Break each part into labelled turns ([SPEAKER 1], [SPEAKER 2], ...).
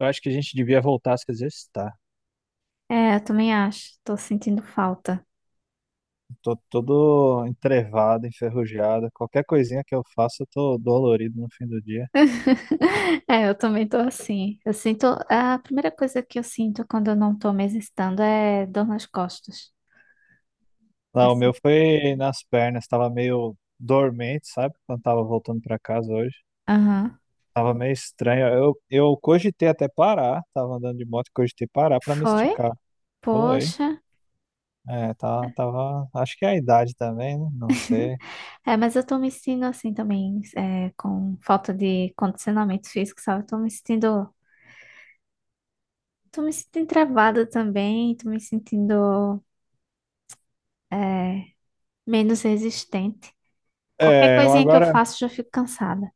[SPEAKER 1] Eu acho que a gente devia voltar a se exercitar.
[SPEAKER 2] É, eu também acho. Tô sentindo falta.
[SPEAKER 1] Tô todo entrevado, enferrujado. Qualquer coisinha que eu faço, eu tô dolorido no fim do dia.
[SPEAKER 2] É, eu também tô assim. Eu sinto. A primeira coisa que eu sinto quando eu não tô me exercitando é dor nas costas.
[SPEAKER 1] Lá, o meu
[SPEAKER 2] Assim.
[SPEAKER 1] foi nas pernas, tava meio dormente, sabe? Quando tava voltando pra casa hoje.
[SPEAKER 2] Aham.
[SPEAKER 1] Tava meio estranho. Eu cogitei até parar, tava andando de moto, cogitei parar pra me
[SPEAKER 2] Foi?
[SPEAKER 1] esticar. Foi.
[SPEAKER 2] Poxa.
[SPEAKER 1] É, tava. Acho que é a idade também, né? Não sei.
[SPEAKER 2] É, mas eu tô me sentindo assim também, com falta de condicionamento físico, sabe? Eu tô me sentindo. Tô me sentindo travada também. Tô me sentindo, é, menos resistente. Qualquer
[SPEAKER 1] É,
[SPEAKER 2] coisinha que eu
[SPEAKER 1] agora,
[SPEAKER 2] faço, já fico cansada.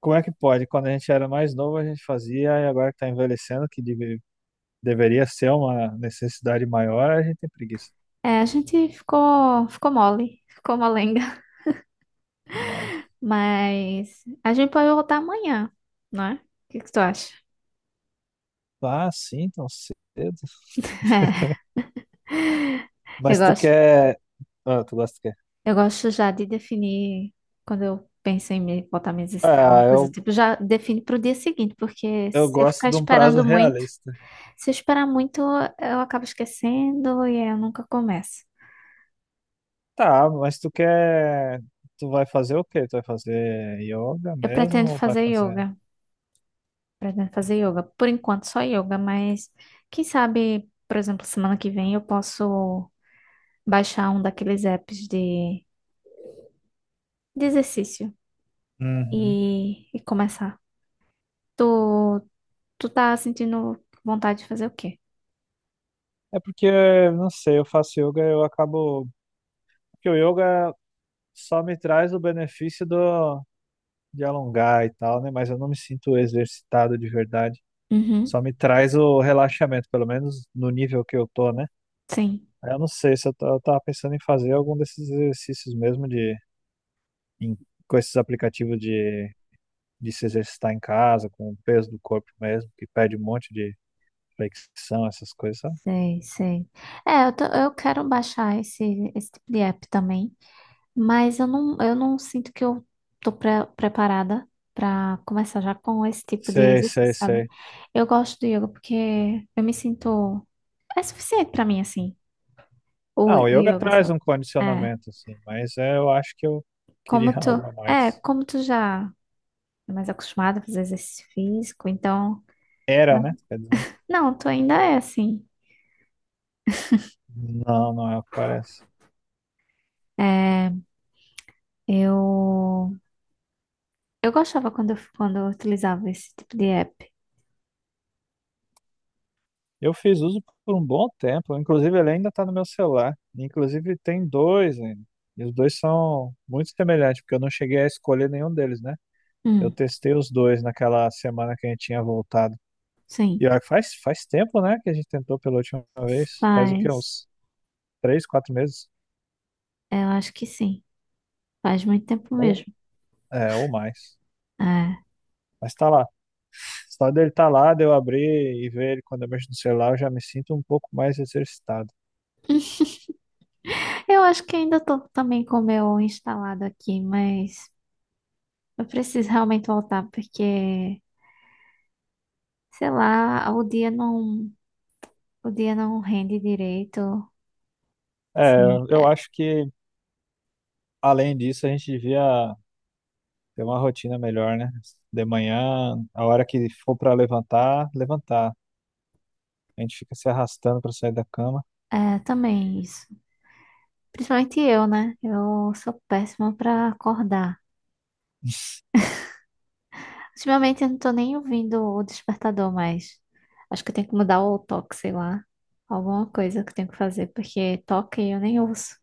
[SPEAKER 1] como é que pode? Quando a gente era mais novo, a gente fazia, e agora que tá envelhecendo, que deveria ser uma necessidade maior, a gente tem preguiça.
[SPEAKER 2] É, a gente ficou mole, ficou molenga.
[SPEAKER 1] Mas,
[SPEAKER 2] Mas a gente pode voltar amanhã, não é? O que que tu acha?
[SPEAKER 1] ah, sim, tão cedo.
[SPEAKER 2] É, eu
[SPEAKER 1] Mas tu
[SPEAKER 2] gosto.
[SPEAKER 1] quer. Ah, tu gosta do quê?
[SPEAKER 2] Eu gosto já de definir, quando eu penso em me botar minhas uma
[SPEAKER 1] Ah,
[SPEAKER 2] coisa do
[SPEAKER 1] eu,
[SPEAKER 2] tipo, já define para o dia seguinte, porque
[SPEAKER 1] eu
[SPEAKER 2] se eu
[SPEAKER 1] gosto
[SPEAKER 2] ficar
[SPEAKER 1] de um prazo
[SPEAKER 2] esperando muito,
[SPEAKER 1] realista.
[SPEAKER 2] se eu esperar muito, eu acabo esquecendo e aí eu nunca começo.
[SPEAKER 1] Tá, mas tu quer. Tu vai fazer o quê? Tu vai fazer yoga
[SPEAKER 2] Eu
[SPEAKER 1] mesmo
[SPEAKER 2] pretendo
[SPEAKER 1] ou vai
[SPEAKER 2] fazer
[SPEAKER 1] fazer.
[SPEAKER 2] yoga, pretendo fazer yoga. Por enquanto, só yoga, mas quem sabe, por exemplo, semana que vem eu posso baixar um daqueles apps de exercício
[SPEAKER 1] Uhum.
[SPEAKER 2] e começar. Tu, Tu tá sentindo vontade de fazer o quê?
[SPEAKER 1] É porque, não sei, eu faço yoga e eu acabo. Porque o yoga só me traz o benefício do de alongar e tal, né? Mas eu não me sinto exercitado de verdade.
[SPEAKER 2] Uhum,
[SPEAKER 1] Só me traz o relaxamento, pelo menos no nível que eu tô, né?
[SPEAKER 2] sim.
[SPEAKER 1] Aí eu não sei se eu tava pensando em fazer algum desses exercícios mesmo de em- com esses aplicativos de se exercitar em casa, com o peso do corpo mesmo, que pede um monte de flexão, essas coisas, sabe?
[SPEAKER 2] Sei, sei. É, tô- eu quero baixar esse tipo de app também, mas eu não sinto que eu tô pre- preparada pra começar já com esse tipo de
[SPEAKER 1] Sei, sei,
[SPEAKER 2] exercício, sabe?
[SPEAKER 1] sei.
[SPEAKER 2] Eu gosto do yoga porque eu me sinto. É suficiente pra mim, assim, o
[SPEAKER 1] Não, o yoga
[SPEAKER 2] yoga
[SPEAKER 1] traz
[SPEAKER 2] só.
[SPEAKER 1] um
[SPEAKER 2] É,
[SPEAKER 1] condicionamento, assim, mas é, eu acho que eu
[SPEAKER 2] como
[SPEAKER 1] queria
[SPEAKER 2] tu.
[SPEAKER 1] algo a
[SPEAKER 2] É,
[SPEAKER 1] mais.
[SPEAKER 2] como tu já é mais acostumada a fazer exercício físico, então.
[SPEAKER 1] Era, né? Quer dizer,
[SPEAKER 2] Não, tu ainda é assim.
[SPEAKER 1] não, não é o que parece.
[SPEAKER 2] É, eu, eu gostava quando quando eu utilizava esse tipo de app.
[SPEAKER 1] Eu fiz uso por um bom tempo, inclusive ele ainda está no meu celular. Inclusive tem dois ainda. E os dois são muito semelhantes, porque eu não cheguei a escolher nenhum deles, né? Eu
[SPEAKER 2] Hum,
[SPEAKER 1] testei os dois naquela semana que a gente tinha voltado.
[SPEAKER 2] sim,
[SPEAKER 1] E olha, que faz, faz tempo, né, que a gente tentou pela última vez. Faz o quê?
[SPEAKER 2] faz.
[SPEAKER 1] Uns três, quatro meses?
[SPEAKER 2] Eu acho que sim. Faz muito tempo
[SPEAKER 1] Ou,
[SPEAKER 2] mesmo.
[SPEAKER 1] é, ou mais.
[SPEAKER 2] É.
[SPEAKER 1] Mas tá lá. Só dele tá lá, de eu abrir e ver ele quando eu mexo no celular, eu já me sinto um pouco mais exercitado.
[SPEAKER 2] Eu acho que ainda tô também com o meu instalado aqui, mas eu preciso realmente voltar porque, sei lá, o dia o dia não rende direito.
[SPEAKER 1] É,
[SPEAKER 2] Sim,
[SPEAKER 1] eu
[SPEAKER 2] é,
[SPEAKER 1] acho que, além disso, a gente devia. Ter uma rotina melhor, né? De manhã, a hora que for pra levantar, levantar. A gente fica se arrastando pra sair da cama.
[SPEAKER 2] é também isso. Principalmente eu, né? Eu sou péssima pra acordar. Ultimamente eu não tô nem ouvindo o despertador mais. Acho que eu tenho que mudar o toque, sei lá. Alguma coisa que eu tenho que fazer, porque toque eu nem ouço.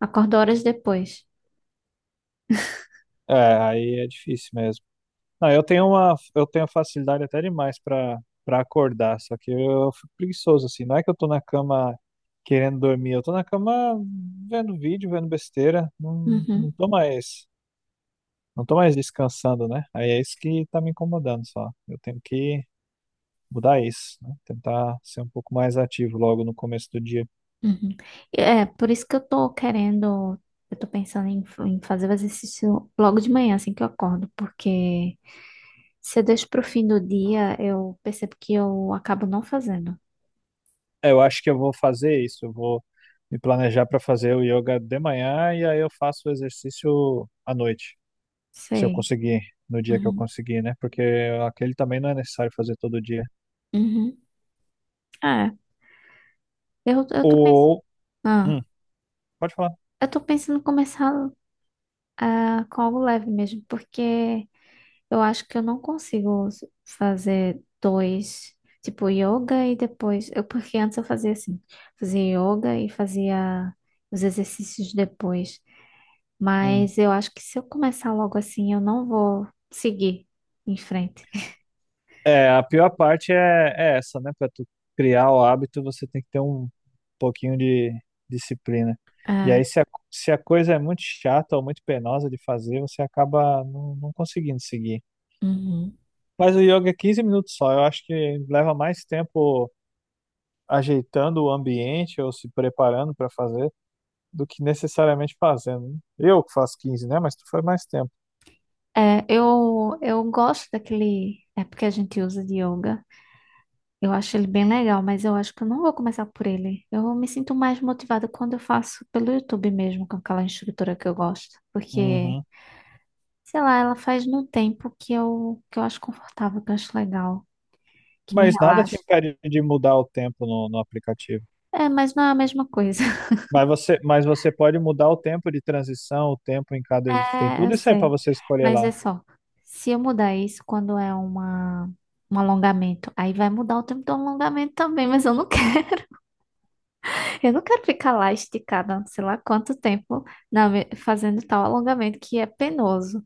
[SPEAKER 2] Acordo horas depois.
[SPEAKER 1] É, aí é difícil mesmo. Não, eu tenho facilidade até demais pra para acordar, só que eu fico preguiçoso assim. Não é que eu tô na cama querendo dormir, eu tô na cama vendo vídeo, vendo besteira,
[SPEAKER 2] Uhum,
[SPEAKER 1] não tô mais descansando, né? Aí é isso que tá me incomodando só. Eu tenho que mudar isso, né? Tentar ser um pouco mais ativo logo no começo do dia.
[SPEAKER 2] uhum. Por isso que eu tô querendo, eu tô pensando em, em fazer o exercício logo de manhã, assim que eu acordo, porque se eu deixo pro fim do dia, eu percebo que eu acabo não fazendo.
[SPEAKER 1] É, eu acho que eu vou fazer isso. Eu vou me planejar para fazer o yoga de manhã e aí eu faço o exercício à noite, se eu
[SPEAKER 2] Sei.
[SPEAKER 1] conseguir, no dia que eu
[SPEAKER 2] Uhum.
[SPEAKER 1] conseguir, né? Porque aquele também não é necessário fazer todo dia.
[SPEAKER 2] Uhum. Ah, eu tô pensando,
[SPEAKER 1] Ou, hum,
[SPEAKER 2] ah,
[SPEAKER 1] pode falar.
[SPEAKER 2] eu tô pensando em começar com algo leve mesmo, porque eu acho que eu não consigo s- fazer dois, tipo yoga e depois, eu, porque antes eu fazia assim, fazia yoga e fazia os exercícios depois,
[SPEAKER 1] Hum.
[SPEAKER 2] mas eu acho que se eu começar logo assim, eu não vou seguir em frente.
[SPEAKER 1] É, a pior parte é essa, né? Para tu criar o hábito, você tem que ter um pouquinho de disciplina. E
[SPEAKER 2] Ah,
[SPEAKER 1] aí, se a coisa é muito chata ou muito penosa de fazer, você acaba não conseguindo seguir.
[SPEAKER 2] uhum.
[SPEAKER 1] Mas o yoga é 15 minutos só. Eu acho que leva mais tempo ajeitando o ambiente ou se preparando para fazer do que necessariamente fazendo, né? Eu que faço 15, né? Mas tu faz mais tempo.
[SPEAKER 2] É, eu gosto daquele, é porque a gente usa de yoga. Eu acho ele bem legal, mas eu acho que eu não vou começar por ele. Eu me sinto mais motivada quando eu faço pelo YouTube mesmo, com aquela instrutora que eu gosto. Porque,
[SPEAKER 1] Uhum.
[SPEAKER 2] sei lá, ela faz no tempo que que eu acho confortável, que eu acho legal, que me
[SPEAKER 1] Mas nada te
[SPEAKER 2] relaxa.
[SPEAKER 1] impede de mudar o tempo no aplicativo.
[SPEAKER 2] É, mas não é a mesma coisa.
[SPEAKER 1] Mas você pode mudar o tempo de transição, o tempo em cada. Tem
[SPEAKER 2] É, eu
[SPEAKER 1] tudo isso aí para
[SPEAKER 2] sei.
[SPEAKER 1] você escolher
[SPEAKER 2] Mas
[SPEAKER 1] lá.
[SPEAKER 2] é só, se eu mudar isso quando é uma, um alongamento, aí vai mudar o tempo do alongamento também, mas eu não quero. Eu não quero ficar lá esticada, sei lá quanto tempo, na me- fazendo tal alongamento que é penoso.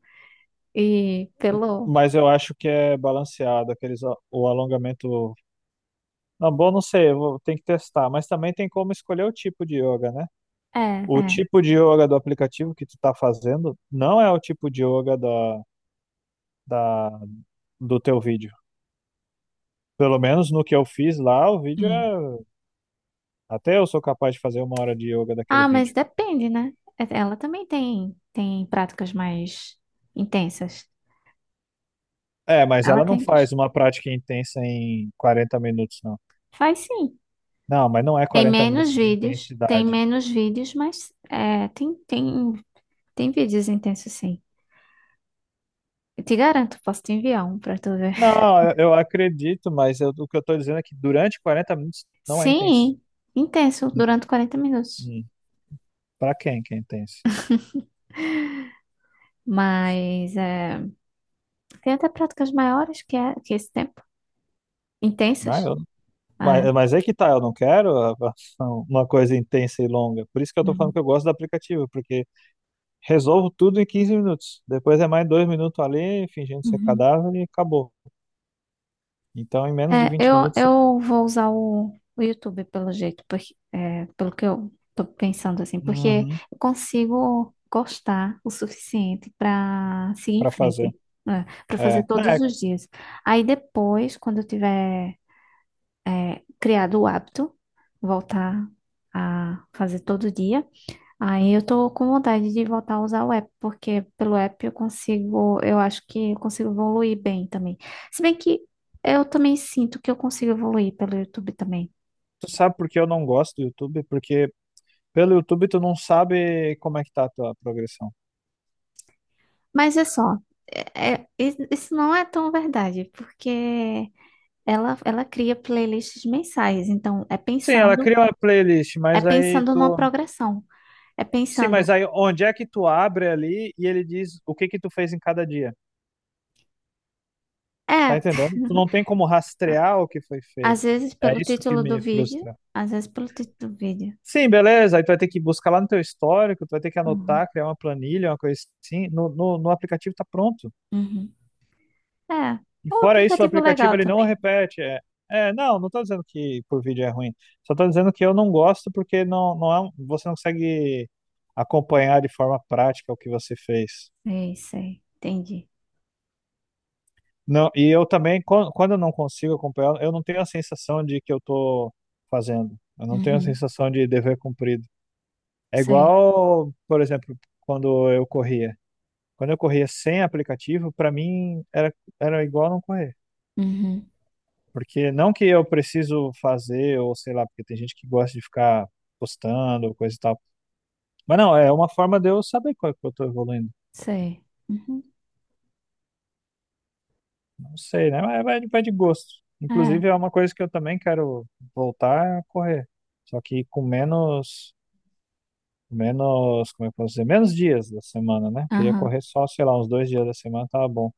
[SPEAKER 2] E pelo.
[SPEAKER 1] Mas eu acho que é balanceado, o alongamento. Não, bom, não sei, eu vou, tem que testar. Mas também tem como escolher o tipo de yoga, né?
[SPEAKER 2] É,
[SPEAKER 1] O
[SPEAKER 2] é.
[SPEAKER 1] tipo de yoga do aplicativo que tu tá fazendo não é o tipo de yoga da, do teu vídeo. Pelo menos no que eu fiz lá, o vídeo
[SPEAKER 2] Hum.
[SPEAKER 1] é. Até eu sou capaz de fazer uma hora de yoga daquele
[SPEAKER 2] Ah, mas
[SPEAKER 1] vídeo.
[SPEAKER 2] depende, né? É- Ela também tem práticas mais intensas.
[SPEAKER 1] É, mas
[SPEAKER 2] Ela
[SPEAKER 1] ela não
[SPEAKER 2] tem. Dos-
[SPEAKER 1] faz uma prática intensa em 40 minutos, não.
[SPEAKER 2] Faz sim.
[SPEAKER 1] Não, mas não é 40 minutos de
[SPEAKER 2] Tem
[SPEAKER 1] intensidade.
[SPEAKER 2] menos vídeos, mas é, tem vídeos intensos, sim. Eu te garanto, posso te enviar um pra tu ver.
[SPEAKER 1] Não, eu acredito, o que eu tô dizendo é que durante 40 minutos não é intenso.
[SPEAKER 2] Sim, intenso,
[SPEAKER 1] Hum,
[SPEAKER 2] durante 40 minutos.
[SPEAKER 1] hum. Pra quem que é intenso?
[SPEAKER 2] Mas é. Tem até práticas maiores que é esse tempo.
[SPEAKER 1] Ah,
[SPEAKER 2] Intensas.
[SPEAKER 1] eu
[SPEAKER 2] Ah,
[SPEAKER 1] mas,
[SPEAKER 2] é.
[SPEAKER 1] é que tá, eu não quero uma coisa intensa e longa. Por isso que eu tô falando
[SPEAKER 2] Uhum.
[SPEAKER 1] que eu gosto do aplicativo, porque resolvo tudo em 15 minutos. Depois é mais dois minutos ali, fingindo ser
[SPEAKER 2] Uhum.
[SPEAKER 1] cadáver e acabou. Então, em menos de
[SPEAKER 2] É,
[SPEAKER 1] 20 minutos,
[SPEAKER 2] eu vou usar o YouTube pelo jeito, porque, é, pelo que eu tô pensando assim, porque
[SPEAKER 1] uhum,
[SPEAKER 2] eu consigo gostar o suficiente para seguir em
[SPEAKER 1] para fazer.
[SPEAKER 2] frente, né, para
[SPEAKER 1] É.
[SPEAKER 2] fazer
[SPEAKER 1] Não,
[SPEAKER 2] todos
[SPEAKER 1] é,
[SPEAKER 2] os dias. Aí depois, quando eu tiver criado o hábito, voltar a fazer todo dia. Aí eu tô com vontade de voltar a usar o app, porque pelo app eu consigo, eu acho que eu consigo evoluir bem também. Se bem que eu também sinto que eu consigo evoluir pelo YouTube também.
[SPEAKER 1] tu sabe por que eu não gosto do YouTube? Porque pelo YouTube tu não sabe como é que tá a tua progressão.
[SPEAKER 2] Mas é só, isso não é tão verdade, porque ela cria playlists mensais, então
[SPEAKER 1] Sim, ela cria uma playlist,
[SPEAKER 2] é
[SPEAKER 1] mas aí
[SPEAKER 2] pensando numa
[SPEAKER 1] tu.
[SPEAKER 2] progressão. É
[SPEAKER 1] Sim, mas
[SPEAKER 2] pensando,
[SPEAKER 1] aí onde é que tu abre ali e ele diz o que que tu fez em cada dia? Tá
[SPEAKER 2] é,
[SPEAKER 1] entendendo? Tu não tem como rastrear o que foi feito.
[SPEAKER 2] às vezes
[SPEAKER 1] É
[SPEAKER 2] pelo
[SPEAKER 1] isso que
[SPEAKER 2] título do
[SPEAKER 1] me
[SPEAKER 2] vídeo,
[SPEAKER 1] frustra.
[SPEAKER 2] às vezes pelo título do vídeo.
[SPEAKER 1] Sim, beleza. Aí tu vai ter que buscar lá no teu histórico, tu vai ter que
[SPEAKER 2] Uhum,
[SPEAKER 1] anotar, criar uma planilha, uma coisa assim. No aplicativo tá pronto.
[SPEAKER 2] uhum. É,
[SPEAKER 1] E
[SPEAKER 2] um
[SPEAKER 1] fora isso, o
[SPEAKER 2] aplicativo
[SPEAKER 1] aplicativo
[SPEAKER 2] legal
[SPEAKER 1] ele não
[SPEAKER 2] também.
[SPEAKER 1] repete. É, é, não, não tô dizendo que por vídeo é ruim. Só tô dizendo que eu não gosto porque você não consegue acompanhar de forma prática o que você fez.
[SPEAKER 2] Sei, sei. Entendi.
[SPEAKER 1] Não, e eu também, quando eu não consigo acompanhar, eu não tenho a sensação de que eu tô fazendo. Eu não tenho a
[SPEAKER 2] Uhum,
[SPEAKER 1] sensação de dever cumprido. É
[SPEAKER 2] Sei,
[SPEAKER 1] igual, por exemplo, quando eu corria. Quando eu corria sem aplicativo, para mim era igual não correr.
[SPEAKER 2] uhum,
[SPEAKER 1] Porque não que eu preciso fazer, ou sei lá, porque tem gente que gosta de ficar postando, coisa e tal. Mas não, é uma forma de eu saber qual é que eu tô evoluindo.
[SPEAKER 2] sei. Uhum.
[SPEAKER 1] Não sei, né? Mas vai de gosto.
[SPEAKER 2] É,
[SPEAKER 1] Inclusive, é uma coisa que eu também quero voltar a correr. Só que com menos, como é que eu posso dizer? Menos dias da semana, né? Queria
[SPEAKER 2] aham,
[SPEAKER 1] correr só, sei lá, uns dois dias da semana, tava bom.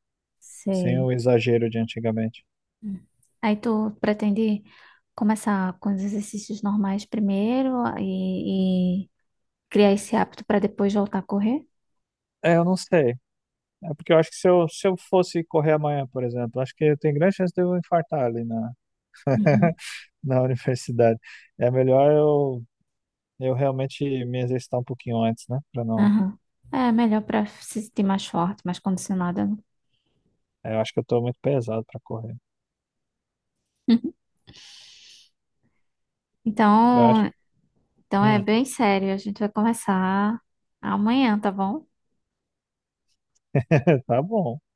[SPEAKER 1] Sem
[SPEAKER 2] sei.
[SPEAKER 1] o exagero de antigamente.
[SPEAKER 2] Uhum. Aí tu pretende começar com os exercícios normais primeiro e criar esse hábito para depois voltar a correr?
[SPEAKER 1] É, eu não sei. É porque eu acho que se eu fosse correr amanhã, por exemplo, acho que eu tenho grande chance de eu infartar ali na,
[SPEAKER 2] Uhum.
[SPEAKER 1] na universidade. É melhor eu, eu realmente me exercitar um pouquinho antes, né? Pra não.
[SPEAKER 2] Aham. É melhor para se sentir mais forte, mais condicionada, né?
[SPEAKER 1] É, eu acho que eu tô muito pesado pra correr. Eu acho.
[SPEAKER 2] Então, então é
[SPEAKER 1] Hum.
[SPEAKER 2] bem sério. A gente vai começar amanhã, tá bom?
[SPEAKER 1] Tá bom.